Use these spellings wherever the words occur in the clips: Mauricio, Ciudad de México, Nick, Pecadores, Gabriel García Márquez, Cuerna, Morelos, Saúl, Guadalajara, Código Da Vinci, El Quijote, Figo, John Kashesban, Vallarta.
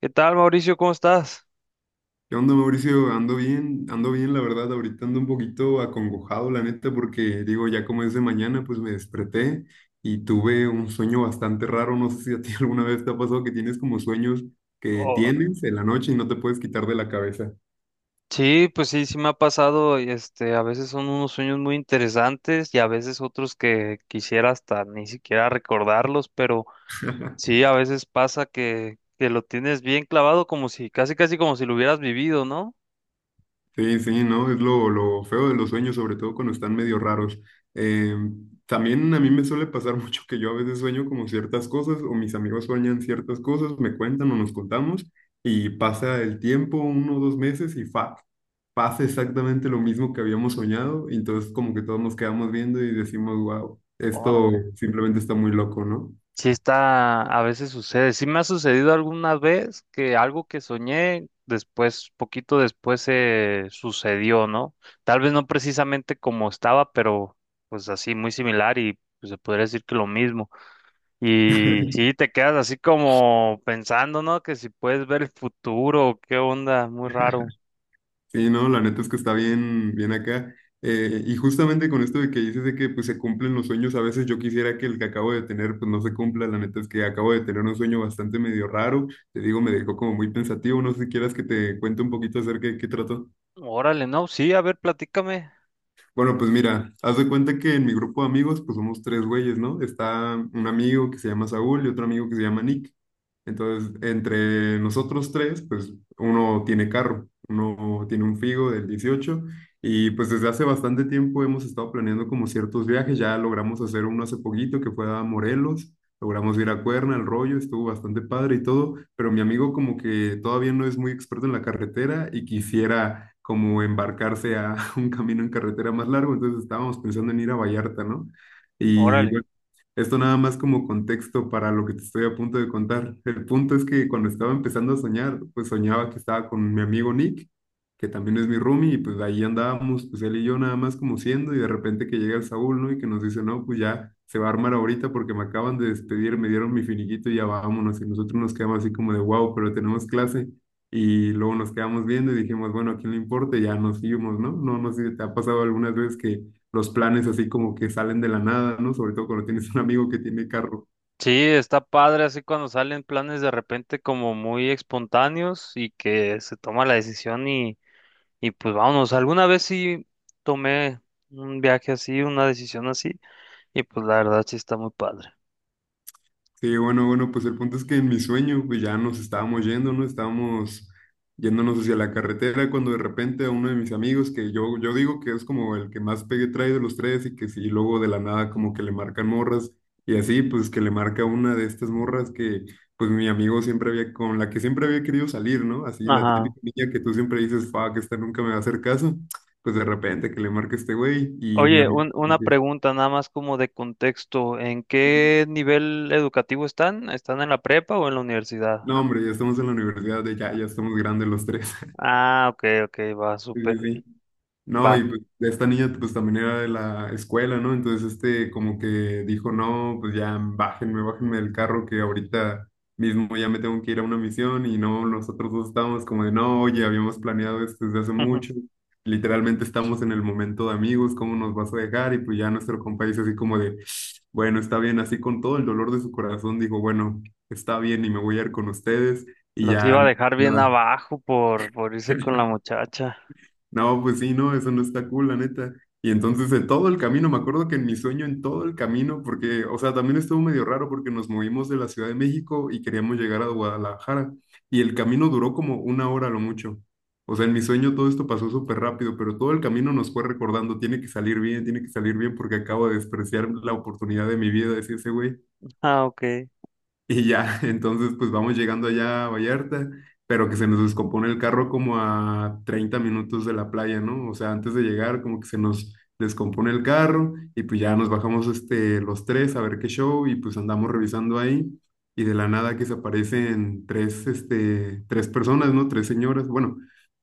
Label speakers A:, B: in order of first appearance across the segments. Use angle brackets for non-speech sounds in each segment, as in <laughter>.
A: ¿Qué tal, Mauricio? ¿Cómo estás?
B: ¿Qué onda, Mauricio? Ando bien, la verdad. Ahorita ando un poquito acongojado, la neta, porque digo, ya como es de mañana, pues me desperté y tuve un sueño bastante raro. No sé si a ti <laughs> alguna vez te ha pasado que tienes como sueños que
A: Oh,
B: tienes en la noche y no te puedes quitar de la cabeza.
A: sí, pues sí, sí me ha pasado, y, a veces son unos sueños muy interesantes y a veces otros que quisiera hasta ni siquiera recordarlos, pero
B: <laughs>
A: sí, a veces pasa que lo tienes bien clavado como si, casi casi como si lo hubieras vivido, ¿no?
B: Sí, sí, ¿no? Es lo feo de los sueños, sobre todo cuando están medio raros. Eh, también a mí me suele pasar <laughs> mucho que yo a veces sueño como ciertas cosas o mis amigos sueñan ciertas cosas, me cuentan o nos contamos y pasa el tiempo, 1 o 2 meses y pasa exactamente lo mismo que habíamos soñado y entonces como que todos nos quedamos viendo y decimos, wow, esto
A: Órale.
B: simplemente está muy loco, ¿no?
A: Sí está, a veces sucede. Sí me ha sucedido alguna vez que algo que soñé después, poquito después se sucedió, ¿no? Tal vez no precisamente como estaba, pero pues así muy similar y pues se podría decir que lo mismo. Y
B: <laughs>
A: sí te quedas así como pensando, ¿no? Que si puedes ver el futuro, qué onda, muy raro.
B: Sí, no, la neta es que está bien, bien acá. Y justamente con esto de que dices de que pues se cumplen los sueños, a veces yo quisiera que el que acabo de tener pues no se cumpla, la neta es que acabo de tener un sueño bastante medio raro, te digo, me dejó como muy pensativo, no sé si quieras que te cuente un poquito acerca de qué trató.
A: Órale, no, sí, a ver, platícame.
B: Bueno, pues mira, haz de cuenta que en mi grupo de amigos, pues somos tres güeyes, ¿no? Está un amigo que se llama Saúl y otro amigo que se llama Nick. Entonces, entre nosotros tres, pues uno tiene carro, uno tiene un Figo del 18 y pues desde hace bastante tiempo hemos estado planeando como ciertos viajes, ya logramos hacer uno hace poquito que fue a Morelos. Logramos ir a Cuerna, el rollo, estuvo bastante padre y todo, pero mi amigo como que todavía no es muy experto en la carretera y quisiera como embarcarse a <laughs> un camino en carretera más largo, entonces estábamos pensando en ir a Vallarta, ¿no? Y
A: Órale.
B: bueno, esto nada más como contexto para lo que te estoy a punto de contar. El punto es que cuando estaba empezando a soñar, pues soñaba que estaba con mi amigo Nick, que también es mi roomie, y pues ahí andábamos, pues él y yo nada más como siendo, y de repente que llega el Saúl, ¿no? Y que nos dice, no, pues ya se va a armar ahorita porque me acaban de despedir, me dieron mi finiquito y ya vámonos. Y nosotros nos quedamos así como de, wow, pero tenemos clase. Y luego nos quedamos viendo y dijimos, bueno, ¿a quién le importa? Y ya nos íbamos, ¿no? No, no sé si te ha pasado algunas veces que los planes así como que salen de la nada, ¿no? Sobre todo cuando tienes un amigo que tiene carro.
A: Sí, está padre así cuando salen planes de repente como muy espontáneos y que se toma la decisión y pues vámonos. Alguna vez sí tomé un viaje así, una decisión así y pues la verdad sí está muy padre.
B: Sí, bueno, bueno, pues el punto es que en mi sueño, pues ya nos estábamos yendo, ¿no? Estábamos yéndonos hacia la carretera cuando de repente a uno de mis amigos, que yo digo que es como el que más pegue trae de los tres y que sí, luego de la nada como que le marcan morras y así, pues que le marca una de estas morras que pues mi amigo siempre había, con la que siempre había querido salir, ¿no? Así la
A: Ajá.
B: típica niña que tú siempre dices, fuck, esta nunca me va a hacer caso, pues de repente que le marca este güey y mi
A: Oye,
B: amigo... como
A: una
B: que,
A: pregunta nada más como de contexto. ¿En qué nivel educativo están? ¿Están en la prepa o en la universidad?
B: no, hombre, ya estamos en la universidad, ya estamos grandes los tres.
A: Ah, ok, ok, va,
B: Sí, sí,
A: súper.
B: sí. No, y
A: Va.
B: pues de esta niña pues también era de la escuela, ¿no? Entonces este como que dijo, no, pues ya bájenme, bájenme del carro que ahorita mismo ya me tengo que ir a una misión y no, nosotros dos estábamos como de, no, oye, habíamos planeado esto desde hace mucho,
A: <laughs>
B: literalmente estamos en el momento de amigos, ¿cómo nos vas a dejar? Y pues ya nuestro compa dice así como de, bueno, está bien, así con todo el dolor de su corazón, dijo, bueno, está bien y me voy a ir con ustedes y
A: Los iba
B: ya
A: a dejar bien
B: nada.
A: abajo por irse con la
B: <laughs>
A: muchacha.
B: No, pues sí, no, eso no está cool, la neta. Y entonces en todo el camino, me acuerdo que en mi sueño, en todo el camino, porque, o sea, también estuvo medio raro porque nos movimos de la Ciudad de México y queríamos llegar a Guadalajara. Y el camino duró como 1 hora a lo mucho. O sea, en mi sueño todo esto pasó súper rápido, pero todo el camino nos fue recordando, tiene que salir bien, tiene que salir bien porque acabo de despreciar la oportunidad de mi vida, decía ese güey.
A: Ah, ok.
B: Y ya, <laughs> entonces pues vamos llegando allá a Vallarta, pero que se nos descompone el carro como a 30 minutos de la playa, ¿no? O sea, antes de llegar como que se nos descompone el carro y pues ya nos bajamos este, los tres a ver qué show y pues andamos revisando ahí y de la nada que se aparecen tres personas, ¿no? Tres señoras, bueno,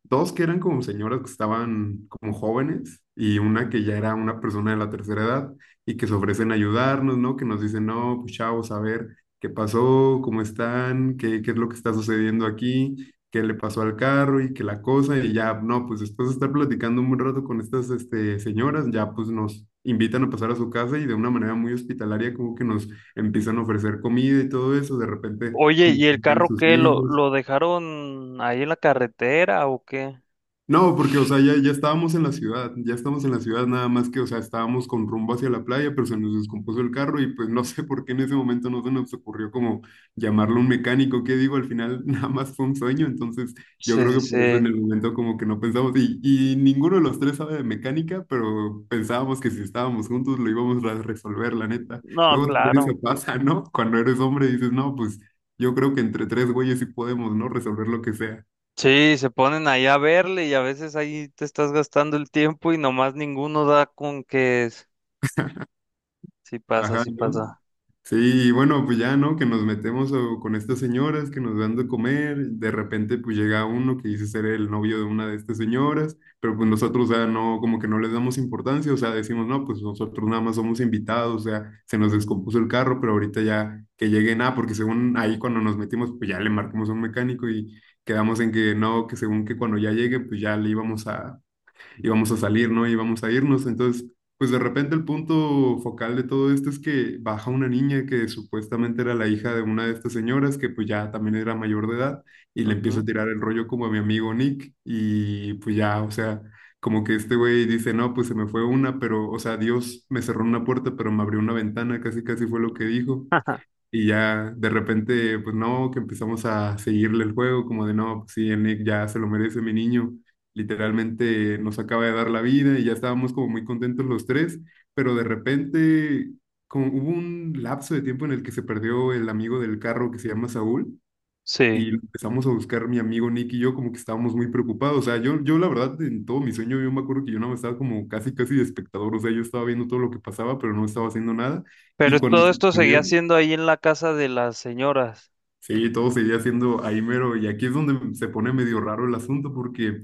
B: dos que eran como señoras que estaban como jóvenes y una que ya era una persona de la tercera edad y que se ofrecen a ayudarnos, ¿no? Que nos dicen, no, pues chavos, a ver qué pasó, cómo están, qué es lo que está sucediendo aquí, qué le pasó al carro y qué la cosa, y ya, no, pues después de estar platicando un buen rato con estas señoras, ya pues nos invitan a pasar a su casa y de una manera muy hospitalaria como que nos empiezan a ofrecer comida y todo eso, de repente
A: Oye,
B: como
A: ¿y
B: que
A: el
B: llegan
A: carro
B: sus
A: qué? ¿Lo,
B: hijos.
A: lo dejaron ahí en la carretera o qué?
B: No, porque, o sea, ya, ya estábamos en la ciudad, ya estamos en la ciudad, nada más que, o sea, estábamos con rumbo hacia la playa, pero se nos descompuso el carro y pues no sé por qué en ese momento no se nos ocurrió como llamarlo un mecánico, que digo, al final <laughs> nada más fue un sueño, entonces yo
A: Sí, sí,
B: creo que por eso en
A: sí.
B: el momento como que no pensamos y ninguno de los tres sabe de mecánica, pero pensábamos que si estábamos juntos lo íbamos a resolver, la neta.
A: No,
B: Luego también eso
A: claro.
B: pasa, ¿no? Cuando eres hombre dices, no, pues yo creo que entre tres güeyes sí podemos, ¿no? Resolver lo que sea.
A: Sí, se ponen ahí a verle y a veces ahí te estás gastando el tiempo y nomás ninguno da con que es. Sí pasa,
B: Ajá,
A: sí
B: ¿no?
A: pasa.
B: Sí, y bueno, pues ya, ¿no? Que nos metemos con estas señoras que nos dan de comer, de repente pues llega uno que dice ser el novio de una de estas señoras, pero pues nosotros, o sea, no, como que no les damos importancia, o sea, decimos, no, pues nosotros nada más somos invitados, o sea, se nos descompuso el carro, pero ahorita ya que lleguen, ah, porque según ahí cuando nos metimos, pues ya le marcamos a un mecánico y quedamos en que no, que según que cuando ya llegue, pues ya le íbamos a, y vamos a salir, ¿no? Y vamos a irnos. Entonces, pues de repente el punto focal de todo esto es que baja una niña que supuestamente era la hija de una de estas señoras, que pues ya también era mayor de edad, y le empieza a
A: Ujú.
B: tirar el rollo como a mi amigo Nick, y pues ya, o sea, como que este güey dice, no, pues se me fue una, pero, o sea, Dios me cerró una puerta, pero me abrió una ventana, casi casi fue lo que dijo.
A: <laughs>
B: Y ya de repente, pues no, que empezamos a seguirle el juego, como de no, pues sí, el Nick ya se lo merece, mi niño. Literalmente nos acaba de dar la vida y ya estábamos como muy contentos los tres, pero de repente como hubo un lapso de tiempo en el que se perdió el amigo del carro que se llama Saúl y
A: Sí.
B: lo empezamos a buscar mi amigo Nick y yo como que estábamos muy preocupados. O sea, yo la verdad en todo mi sueño yo me acuerdo que yo no estaba como casi casi de espectador, o sea, yo estaba viendo todo lo que pasaba, pero no estaba haciendo nada. Y
A: Pero
B: cuando
A: todo
B: se
A: esto seguía
B: perdió...
A: siendo ahí en la casa de las señoras.
B: Sí, todo seguía siendo ahí mero. Y aquí es donde se pone medio raro el asunto porque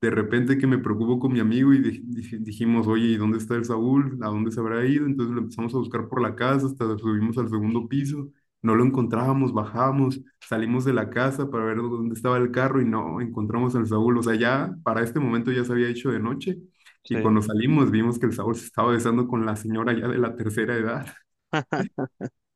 B: de repente que me preocupo con mi amigo y dijimos, oye, ¿y dónde está el Saúl? ¿A dónde se habrá ido? Entonces lo empezamos a buscar por la casa, hasta subimos al segundo piso, no lo encontrábamos, bajamos, salimos de la casa para ver dónde estaba el carro y no encontramos al Saúl. O sea, ya para este momento ya se había hecho de noche y
A: Sí.
B: cuando salimos vimos que el Saúl se estaba besando con la señora ya de la tercera edad.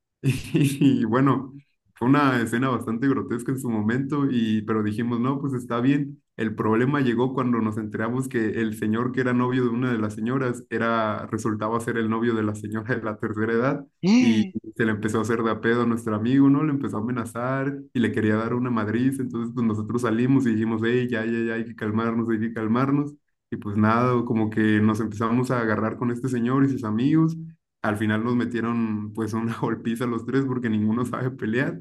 B: <laughs> Y bueno, fue una escena bastante grotesca en su momento, y, pero dijimos, no, pues está bien. El problema llegó cuando nos enteramos que el señor que era novio de una de las señoras era, resultaba ser el novio de la señora de la tercera edad, y
A: <gasps>
B: se le empezó a hacer de a pedo a nuestro amigo, ¿no? Le empezó a amenazar y le quería dar una madriz. Entonces, pues nosotros salimos y dijimos, hey, ya, ya, ya, hay que calmarnos, hay que calmarnos. Y pues nada, como que nos empezamos a agarrar con este señor y sus amigos. Al final nos metieron pues una <laughs> golpiza los tres porque ninguno sabe pelear.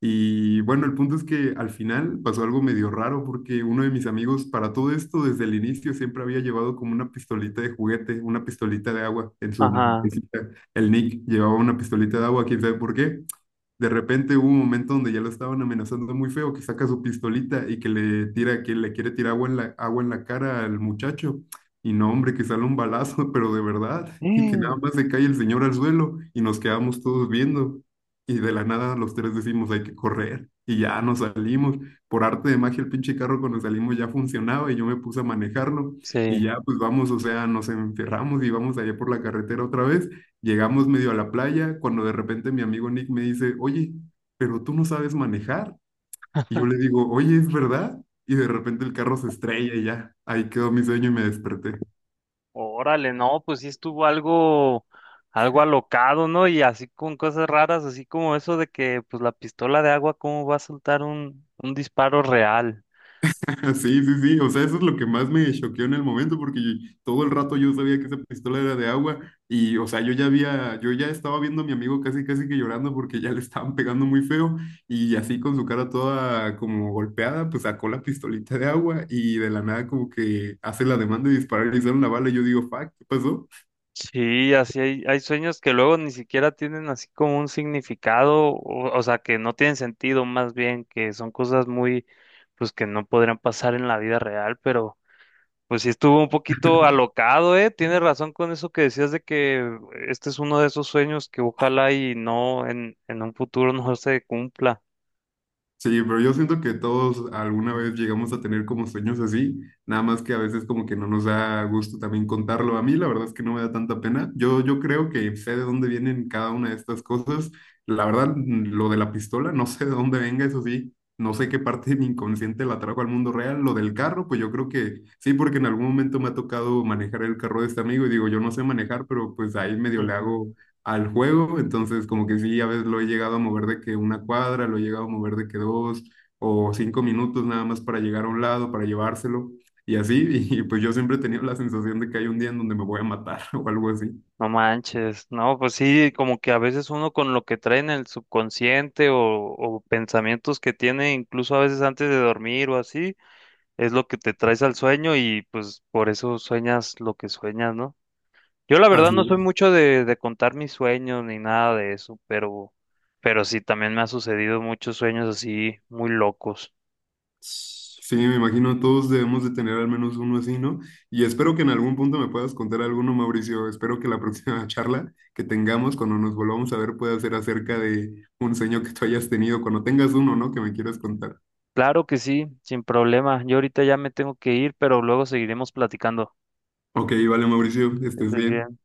B: Y bueno, el punto es que al final pasó algo medio raro porque uno de mis amigos para todo esto desde el inicio siempre había llevado como una pistolita de juguete, una pistolita de agua en su
A: Ajá.
B: mesita. El Nick llevaba una pistolita de agua, quién sabe por qué. De repente hubo un momento donde ya lo estaban amenazando muy feo, que saca su pistolita y que le tira, que le quiere tirar agua en la cara al muchacho. Y no, hombre, que sale un balazo, <laughs> pero de verdad, y que nada
A: <gasps>
B: más se cae el señor al suelo y nos quedamos todos viendo. Y de la nada los tres decimos, hay que correr. Y ya nos salimos. Por arte de magia, el pinche carro cuando salimos ya funcionaba y yo me puse a manejarlo. Y
A: Sí.
B: ya pues vamos, o sea, nos enferramos y vamos allá por la carretera otra vez. Llegamos medio a la playa cuando de repente mi amigo Nick me dice, oye, pero tú no sabes manejar. Y yo le digo, oye, ¿es verdad? Y de repente el carro se estrella y ya, ahí quedó mi sueño y me desperté.
A: Órale, no, pues sí estuvo algo, algo alocado, ¿no? Y así con cosas raras, así como eso de que, pues la pistola de agua, ¿cómo va a soltar un disparo real?
B: <laughs> Sí, sí, sí, o sea, eso es lo que más me choqueó en el momento, porque todo el rato yo sabía que esa pistola era de agua y, o sea, yo ya estaba viendo a mi amigo casi, casi que llorando porque ya le estaban pegando muy feo y así con su cara toda como golpeada, pues sacó la pistolita de agua y de la nada como que hace la demanda de disparar y le hicieron la bala y yo digo, fuck, ¿qué pasó?
A: Sí, así hay, hay sueños que luego ni siquiera tienen así como un significado, o sea, que no tienen sentido, más bien, que son cosas muy, pues que no podrían pasar en la vida real, pero pues sí estuvo un poquito alocado, ¿eh? Tienes razón con eso que decías de que este es uno de esos sueños que ojalá y no en un futuro no se cumpla.
B: Sí, pero yo siento que todos alguna vez llegamos a tener como sueños así, nada más que a veces como que no nos da gusto también contarlo. A mí la verdad es que no me da tanta pena. Yo creo que sé de dónde vienen cada una de estas cosas. La verdad, lo de la pistola, no sé de dónde venga, eso sí. No sé qué parte de mi inconsciente la trajo al mundo real. Lo del carro, pues yo creo que sí, porque en algún momento me ha tocado manejar el carro de este amigo y digo, yo no sé manejar, pero pues ahí medio le hago
A: Ujú.
B: al juego, entonces como que sí, a veces lo he llegado a mover de que una cuadra, lo he llegado a mover de que 2 o 5 minutos nada más para llegar a un lado, para llevárselo y así, y pues yo siempre he tenido la sensación de que hay un día en donde me voy a matar <laughs> o algo así.
A: No manches, no, pues sí, como que a veces uno con lo que trae en el subconsciente o pensamientos que tiene incluso a veces antes de dormir o así, es lo que te traes al sueño y pues por eso sueñas lo que sueñas, ¿no? Yo la verdad
B: Así
A: no soy
B: es.
A: mucho de contar mis sueños ni nada de eso, pero sí, también me ha sucedido muchos sueños así muy locos.
B: Sí, me imagino todos debemos de tener al menos uno así, ¿no? Y espero que en algún punto me puedas contar alguno, Mauricio. Espero que la próxima <laughs> charla que tengamos cuando nos volvamos a ver pueda ser acerca de un sueño que tú hayas tenido, cuando tengas uno, ¿no? Que me quieras contar.
A: Claro que sí, sin problema. Yo ahorita ya me tengo que ir, pero luego seguiremos platicando.
B: Ok, vale, Mauricio,
A: Que
B: estés
A: estés
B: bien.
A: bien.